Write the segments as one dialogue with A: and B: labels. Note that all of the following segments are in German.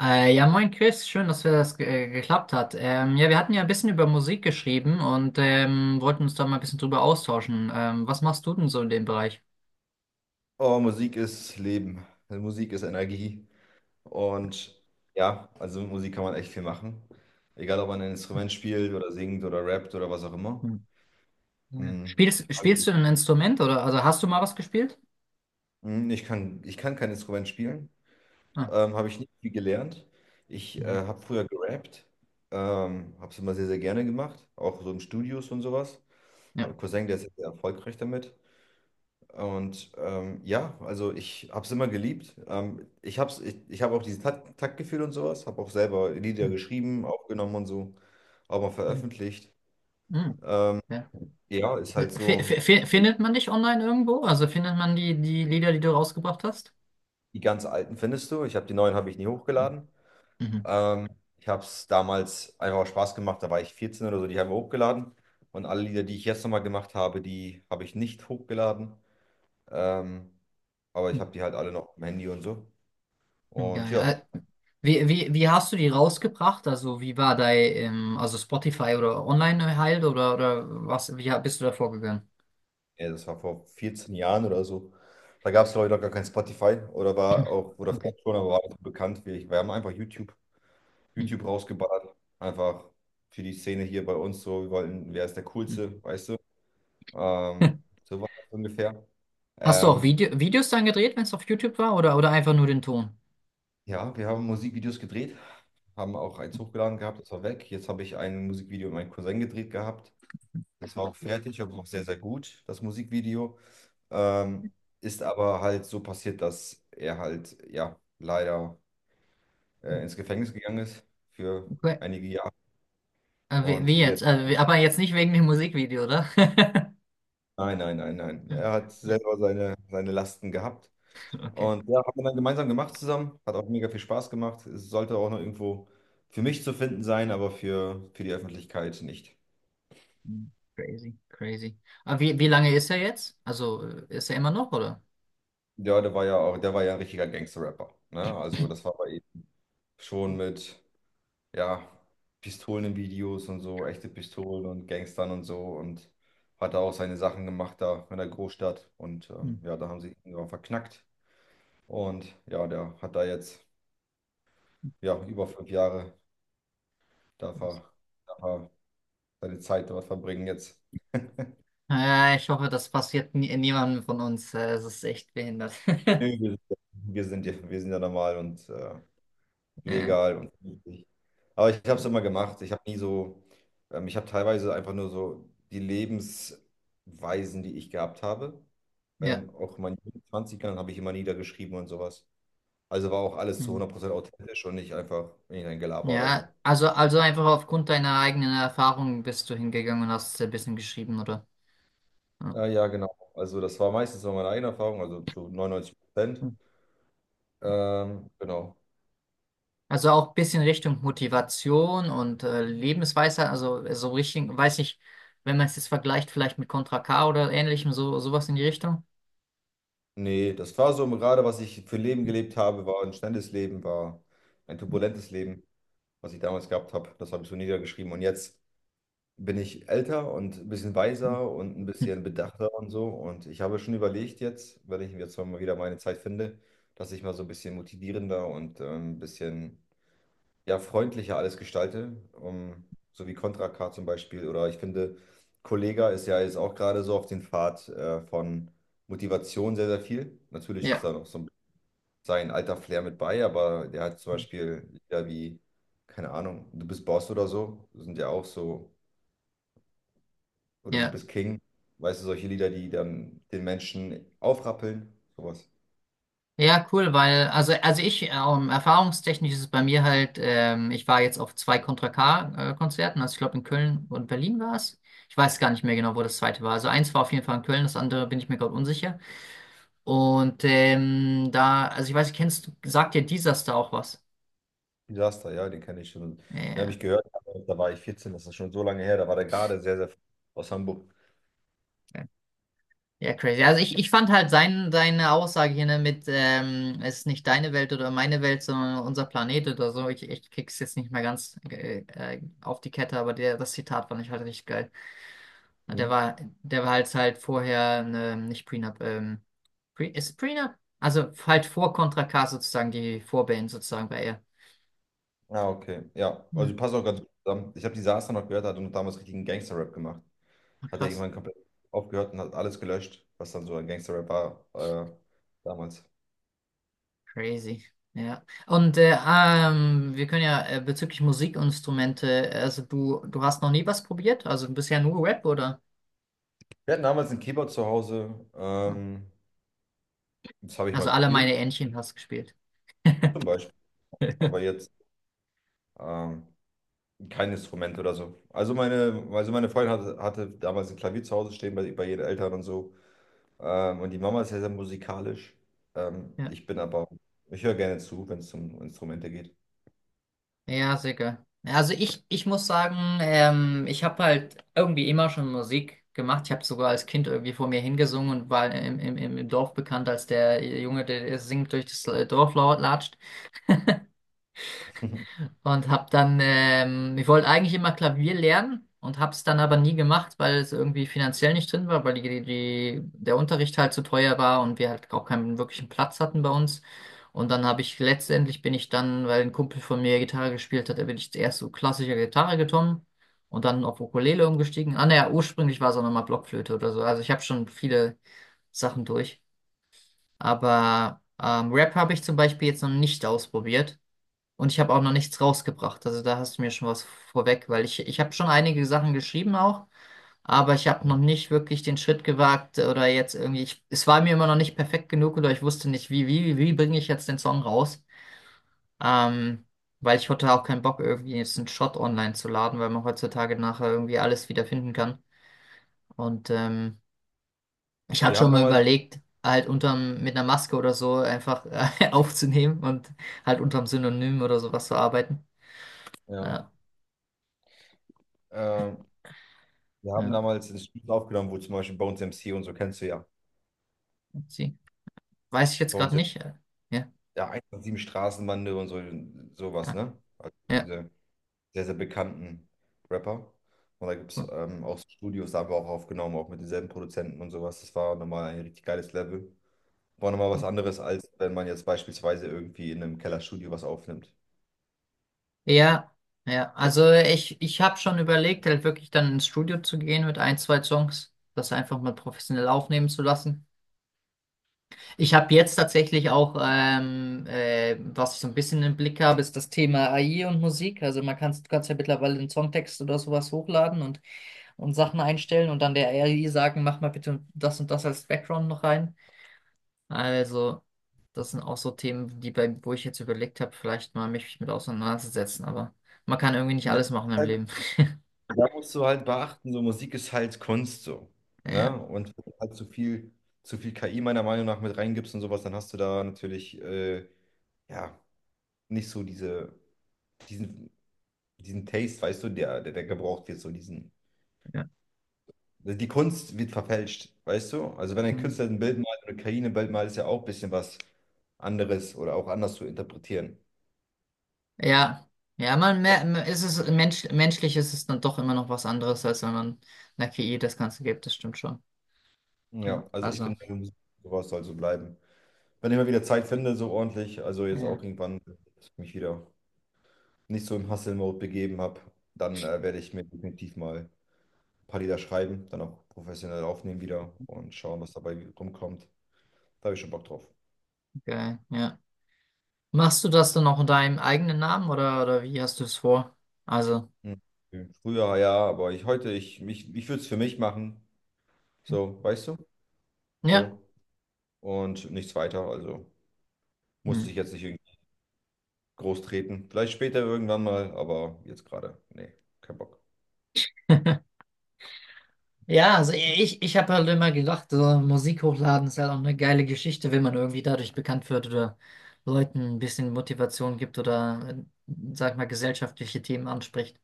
A: Ja, Moin Chris, schön, dass wir das ge geklappt hat. Ja, Wir hatten ja ein bisschen über Musik geschrieben und wollten uns da mal ein bisschen drüber austauschen. Was machst du denn so in dem Bereich?
B: Oh, Musik ist Leben. Also Musik ist Energie. Und ja, also mit Musik kann man echt viel machen. Egal, ob man ein Instrument spielt oder singt oder rappt oder was auch immer.
A: Hm. Ja.
B: Hm, Ich,
A: Spielst,
B: frag-
A: spielst du ein Instrument oder also hast du mal was gespielt?
B: Hm, ich kann kein Instrument spielen.
A: Ah,
B: Habe ich nicht viel gelernt. Ich
A: mhm,
B: habe früher gerappt. Habe es immer sehr, sehr gerne gemacht. Auch so in Studios und sowas. Habe
A: ja.
B: einen Cousin, der ist sehr erfolgreich damit. Und ja, also ich habe es immer geliebt. Ich hab auch dieses Taktgefühl und sowas, habe auch selber Lieder
A: Hm.
B: geschrieben, aufgenommen und so, auch mal
A: Ja.
B: veröffentlicht.
A: Hm. Ja.
B: Ja, ist halt
A: F
B: so,
A: f findet man dich online irgendwo? Also findet man die Lieder, die du rausgebracht hast?
B: die ganz alten findest du. Ich habe Die neuen habe ich nie
A: Hm.
B: hochgeladen.
A: Mhm.
B: Ähm, Ich habe es damals einfach aus Spaß gemacht, da war ich 14 oder so, die haben wir hochgeladen. Und alle Lieder, die ich jetzt nochmal gemacht habe, die habe ich nicht hochgeladen. Ähm, aber ich habe die halt alle noch im Handy und so. Und
A: Geil.
B: ja.
A: Äh, Wie hast du die rausgebracht? Also wie war dein, also Spotify oder online halt oder was, bist du da vorgegangen?
B: Ja, das war vor 14 Jahren oder so. Da gab es, glaube ich, noch gar kein Spotify oder war auch, oder
A: Okay.
B: vielleicht schon, aber war nicht so bekannt wie ich. Wir haben einfach YouTube,
A: Hm,
B: YouTube rausgeballert. Einfach für die Szene hier bei uns so. Wir wollten, wer ist der
A: hm.
B: Coolste, weißt du? Ähm, so war das ungefähr.
A: Hast du auch
B: Ähm,
A: Videos dann gedreht, wenn es auf YouTube war, oder einfach nur den Ton?
B: ja, wir haben Musikvideos gedreht, haben auch eins hochgeladen gehabt, das war weg. Jetzt habe ich ein Musikvideo mit meinem Cousin gedreht gehabt. Das war auch fertig, aber auch sehr, sehr gut, das Musikvideo. Ähm, Ist aber halt so passiert, dass er halt, ja, leider ins Gefängnis gegangen ist für
A: Okay.
B: einige Jahre. Und wir,
A: Aber jetzt nicht wegen dem Musikvideo, oder?
B: nein, nein, nein, nein. Er hat selber seine Lasten gehabt.
A: Okay.
B: Und ja, haben wir dann gemeinsam gemacht zusammen. Hat auch mega viel Spaß gemacht. Es sollte auch noch irgendwo für mich zu finden sein, aber für die Öffentlichkeit nicht.
A: Hm, crazy, crazy. Aber wie lange ist er jetzt? Also ist er immer noch, oder?
B: Ja, der war ja ein richtiger Gangster-Rapper. Ne? Also das war bei ihm schon mit, ja, Pistolen in Videos und so, echte Pistolen und Gangstern und so und hat da auch seine Sachen gemacht da in der Großstadt und
A: Hm,
B: ja, da haben sie ihn drauf verknackt und ja, der hat da jetzt ja über fünf Jahre darf
A: crazy.
B: er, darf er seine Zeit dort verbringen jetzt.
A: Ja, ich hoffe, das passiert nie, niemandem von uns. Es ist echt behindert.
B: Nö, wir sind ja normal und
A: Ja,
B: legal und vernünftig. Aber ich habe es immer gemacht. Ich habe nie so, Ich habe teilweise einfach nur so die Lebensweisen, die ich gehabt habe.
A: ja.
B: Auch in meinen 20ern habe ich immer niedergeschrieben und sowas. Also war auch alles zu
A: Hm.
B: 100% authentisch und nicht einfach irgendein Gelaber oder so.
A: Ja, also einfach aufgrund deiner eigenen Erfahrung bist du hingegangen und hast ein bisschen geschrieben, oder? Ja.
B: Ja, genau. Also das war meistens so meine eigene Erfahrung, also zu 99%.
A: Hm.
B: Genau.
A: Also auch ein bisschen Richtung Motivation und Lebensweisheit, also so Richtung, weiß ich, wenn man es jetzt vergleicht, vielleicht mit Contra K oder ähnlichem, so, sowas in die Richtung.
B: Nee, das war so gerade, was ich für Leben gelebt habe, war ein schnelles Leben, war ein turbulentes Leben, was ich damals gehabt habe. Das habe ich so niedergeschrieben. Und jetzt bin ich älter und ein bisschen
A: Hm.
B: weiser und ein
A: Hm.
B: bisschen bedachter und so. Und ich habe schon überlegt jetzt, wenn ich jetzt mal wieder meine Zeit finde, dass ich mal so ein bisschen motivierender und ein bisschen ja, freundlicher alles gestalte. So wie Contra K zum Beispiel. Oder ich finde, Kollega ist ja jetzt auch gerade so auf den Pfad von Motivation sehr, sehr viel. Natürlich ist
A: Ja,
B: da noch so ein sein alter Flair mit bei, aber der hat zum
A: hm,
B: Beispiel Lieder wie, keine Ahnung, Du bist Boss oder so, sind ja auch so, oder Du
A: ja.
B: bist King, weißt du, solche Lieder, die dann den Menschen aufrappeln, sowas.
A: Ja, cool, weil, also ich, erfahrungstechnisch ist es bei mir halt, ich war jetzt auf zwei Contra K-Konzerten, also ich glaube in Köln und Berlin war es. Ich weiß gar nicht mehr genau, wo das zweite war. Also eins war auf jeden Fall in Köln, das andere bin ich mir gerade unsicher. Und da, also ich weiß nicht, kennst du, sagt dir Disaster auch was?
B: Disaster, ja, den kenne ich schon. Den habe
A: Ja,
B: ich gehört, aber da war ich 14, das ist schon so lange her, da war der gerade sehr, sehr aus Hamburg.
A: ja, crazy. Also ich fand halt sein, seine Aussage hier, ne, mit, es ist nicht deine Welt oder meine Welt, sondern unser Planet oder so. Ich krieg's jetzt nicht mehr ganz auf die Kette, aber der, das Zitat fand ich halt richtig geil. Der
B: Mhm.
A: war, Der war halt halt vorher, ne, nicht Prenup, Pre, ist Prenup? Also halt vor Contra K sozusagen, die Vorband sozusagen bei ihr.
B: Ah, okay. Ja, also
A: Ne,
B: passt auch ganz gut zusammen. Ich habe Disaster noch gehört, hat und damals richtigen Gangster-Rap gemacht. Hat er
A: krass,
B: irgendwann komplett aufgehört und hat alles gelöscht, was dann so ein Gangster-Rap war damals.
A: crazy. Ja. Und wir können ja bezüglich Musikinstrumente, also du hast noch nie was probiert? Also bisher nur Rap, oder?
B: Wir hatten damals einen Keyboard zu Hause. Das habe ich
A: Also
B: mal
A: alle meine
B: gespielt,
A: Entchen hast gespielt.
B: zum Beispiel. Aber jetzt ähm, kein Instrument oder so. Also meine Freundin hatte damals ein Klavier zu Hause stehen bei ihren Eltern und so. Und die Mama ist sehr, sehr musikalisch. Ähm,
A: Ja.
B: ich bin aber, Ich höre gerne zu, wenn es um Instrumente geht.
A: Ja, sicher. Also ich muss sagen, ich habe halt irgendwie immer schon Musik gemacht. Ich habe sogar als Kind irgendwie vor mir hingesungen und war im Dorf bekannt als der Junge, der singt durch das latscht. Und hab dann, ich wollte eigentlich immer Klavier lernen und hab's dann aber nie gemacht, weil es irgendwie finanziell nicht drin war, weil der Unterricht halt zu teuer war und wir halt auch keinen wirklichen Platz hatten bei uns. Und dann habe ich letztendlich, bin ich dann, weil ein Kumpel von mir Gitarre gespielt hat, da bin ich zuerst so klassische Gitarre gekommen und dann auf Ukulele umgestiegen. Ah, naja, ursprünglich war es auch nochmal Blockflöte oder so. Also ich habe schon viele Sachen durch. Aber Rap habe ich zum Beispiel jetzt noch nicht ausprobiert. Und ich habe auch noch nichts rausgebracht. Also da hast du mir schon was vorweg, weil ich habe schon einige Sachen geschrieben auch, aber ich habe noch nicht wirklich den Schritt gewagt oder jetzt irgendwie, ich, es war mir immer noch nicht perfekt genug oder ich wusste nicht, wie bringe ich jetzt den Song raus? Ähm, Weil ich hatte auch keinen Bock, irgendwie jetzt einen Shot online zu laden, weil man heutzutage nachher irgendwie alles wiederfinden kann. Und ich hatte
B: Wir haben
A: schon mal
B: damals,
A: überlegt, halt unterm, mit einer Maske oder so einfach aufzunehmen und halt unterm Synonym oder sowas zu arbeiten.
B: ja,
A: Ja.
B: ähm, wir haben
A: Ja.
B: damals ein Studio aufgenommen, wo zum Beispiel Bones MC und so kennst du ja.
A: Sie. Weiß ich jetzt gerade
B: Bones MC,
A: nicht. Ja,
B: ja, 187 Straßenbande und so, sowas,
A: ja,
B: ne? Also
A: ja,
B: diese sehr, sehr bekannten Rapper. Und da gibt es auch so Studios, da haben wir auch aufgenommen, auch mit denselben Produzenten und sowas. Das war nochmal ein richtig geiles Level. War nochmal was
A: cool.
B: anderes, als wenn man jetzt beispielsweise irgendwie in einem Kellerstudio was aufnimmt.
A: Ja, ja. Also ich habe schon überlegt, halt wirklich dann ins Studio zu gehen mit ein, zwei Songs, das einfach mal professionell aufnehmen zu lassen. Ich habe jetzt tatsächlich auch, was ich so ein bisschen im Blick habe, ist das Thema AI und Musik. Also man kann, du kannst ja mittlerweile einen Songtext oder sowas hochladen und Sachen einstellen und dann der AI sagen, mach mal bitte das und das als Background noch rein. Also, das sind auch so Themen, die bei, wo ich jetzt überlegt habe, vielleicht mal mich mit auseinanderzusetzen, aber man kann irgendwie nicht
B: Ja,
A: alles machen im
B: halt,
A: Leben.
B: da musst du halt beachten, so Musik ist halt Kunst so.
A: Ja,
B: Ne? Und wenn du halt zu viel KI meiner Meinung nach mit reingibst und sowas, dann hast du da natürlich ja nicht so diesen, diesen Taste, weißt du, der gebraucht wird.
A: ja.
B: Die Kunst wird verfälscht, weißt du? Also wenn ein
A: Hm.
B: Künstler ein Bild malt oder Karine ein Bild malt, ist ja auch ein bisschen was anderes oder auch anders zu interpretieren.
A: Ja, ja, ist es menschlich ist es dann doch immer noch was anderes, als wenn man einer KI das Ganze gibt, das stimmt schon. Ja,
B: Ja, also ich
A: also,
B: finde, sowas soll so bleiben. Wenn ich mal wieder Zeit finde, so ordentlich, also jetzt auch
A: ja,
B: irgendwann, wenn ich mich wieder nicht so im Hustle-Mode begeben habe, dann werde ich mir definitiv mal ein paar Lieder schreiben, dann auch professionell aufnehmen wieder und schauen, was dabei rumkommt. Da habe ich schon Bock drauf.
A: geil, ja. Machst du das dann auch in deinem eigenen Namen oder wie hast du es vor? Also,
B: Hm. Früher ja, aber ich würde es für mich machen. So, weißt du?
A: ja.
B: So, und nichts weiter. Also
A: Hm.
B: musste ich jetzt nicht irgendwie groß treten. Vielleicht später irgendwann mal, aber jetzt gerade, nee, kein Bock.
A: Ja, also ich, ich habe halt immer gedacht, so Musik hochladen ist halt auch eine geile Geschichte, wenn man irgendwie dadurch bekannt wird oder Leuten ein bisschen Motivation gibt oder, sag ich mal, gesellschaftliche Themen anspricht.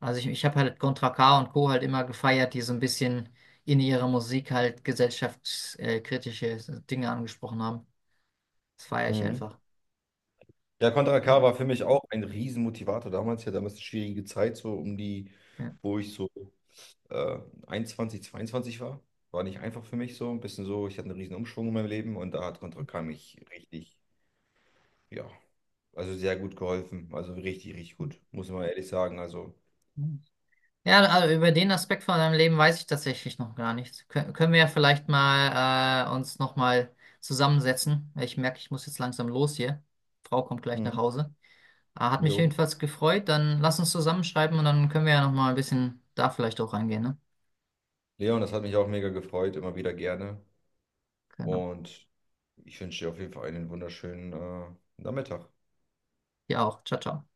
A: Also ich habe halt Contra K und Co. halt immer gefeiert, die so ein bisschen in ihrer Musik halt gesellschaftskritische Dinge angesprochen haben. Das feiere ich
B: Mhm.
A: einfach.
B: Ja, Contra K
A: Ja.
B: war für mich auch ein Riesenmotivator damals. Ja, damals eine schwierige Zeit, so um die, wo ich so äh, 21, 22 war. War nicht einfach für mich so. Ein bisschen so, ich hatte einen riesen Umschwung in meinem Leben und da hat Contra K mich richtig, ja, also sehr gut geholfen. Also richtig, richtig gut, muss man ehrlich sagen. Also,
A: Ja. Ja, also über den Aspekt von deinem Leben weiß ich tatsächlich noch gar nichts. Können wir ja vielleicht mal uns nochmal zusammensetzen. Ich merke, ich muss jetzt langsam los hier. Frau kommt gleich nach
B: mhm.
A: Hause. Hat mich
B: Jo.
A: jedenfalls gefreut. Dann lass uns zusammenschreiben und dann können wir ja nochmal ein bisschen da vielleicht auch reingehen, ne?
B: Leon, das hat mich auch mega gefreut, immer wieder gerne.
A: Genau.
B: Und ich wünsche dir auf jeden Fall einen wunderschönen Nachmittag.
A: Ja auch. Ciao, ciao.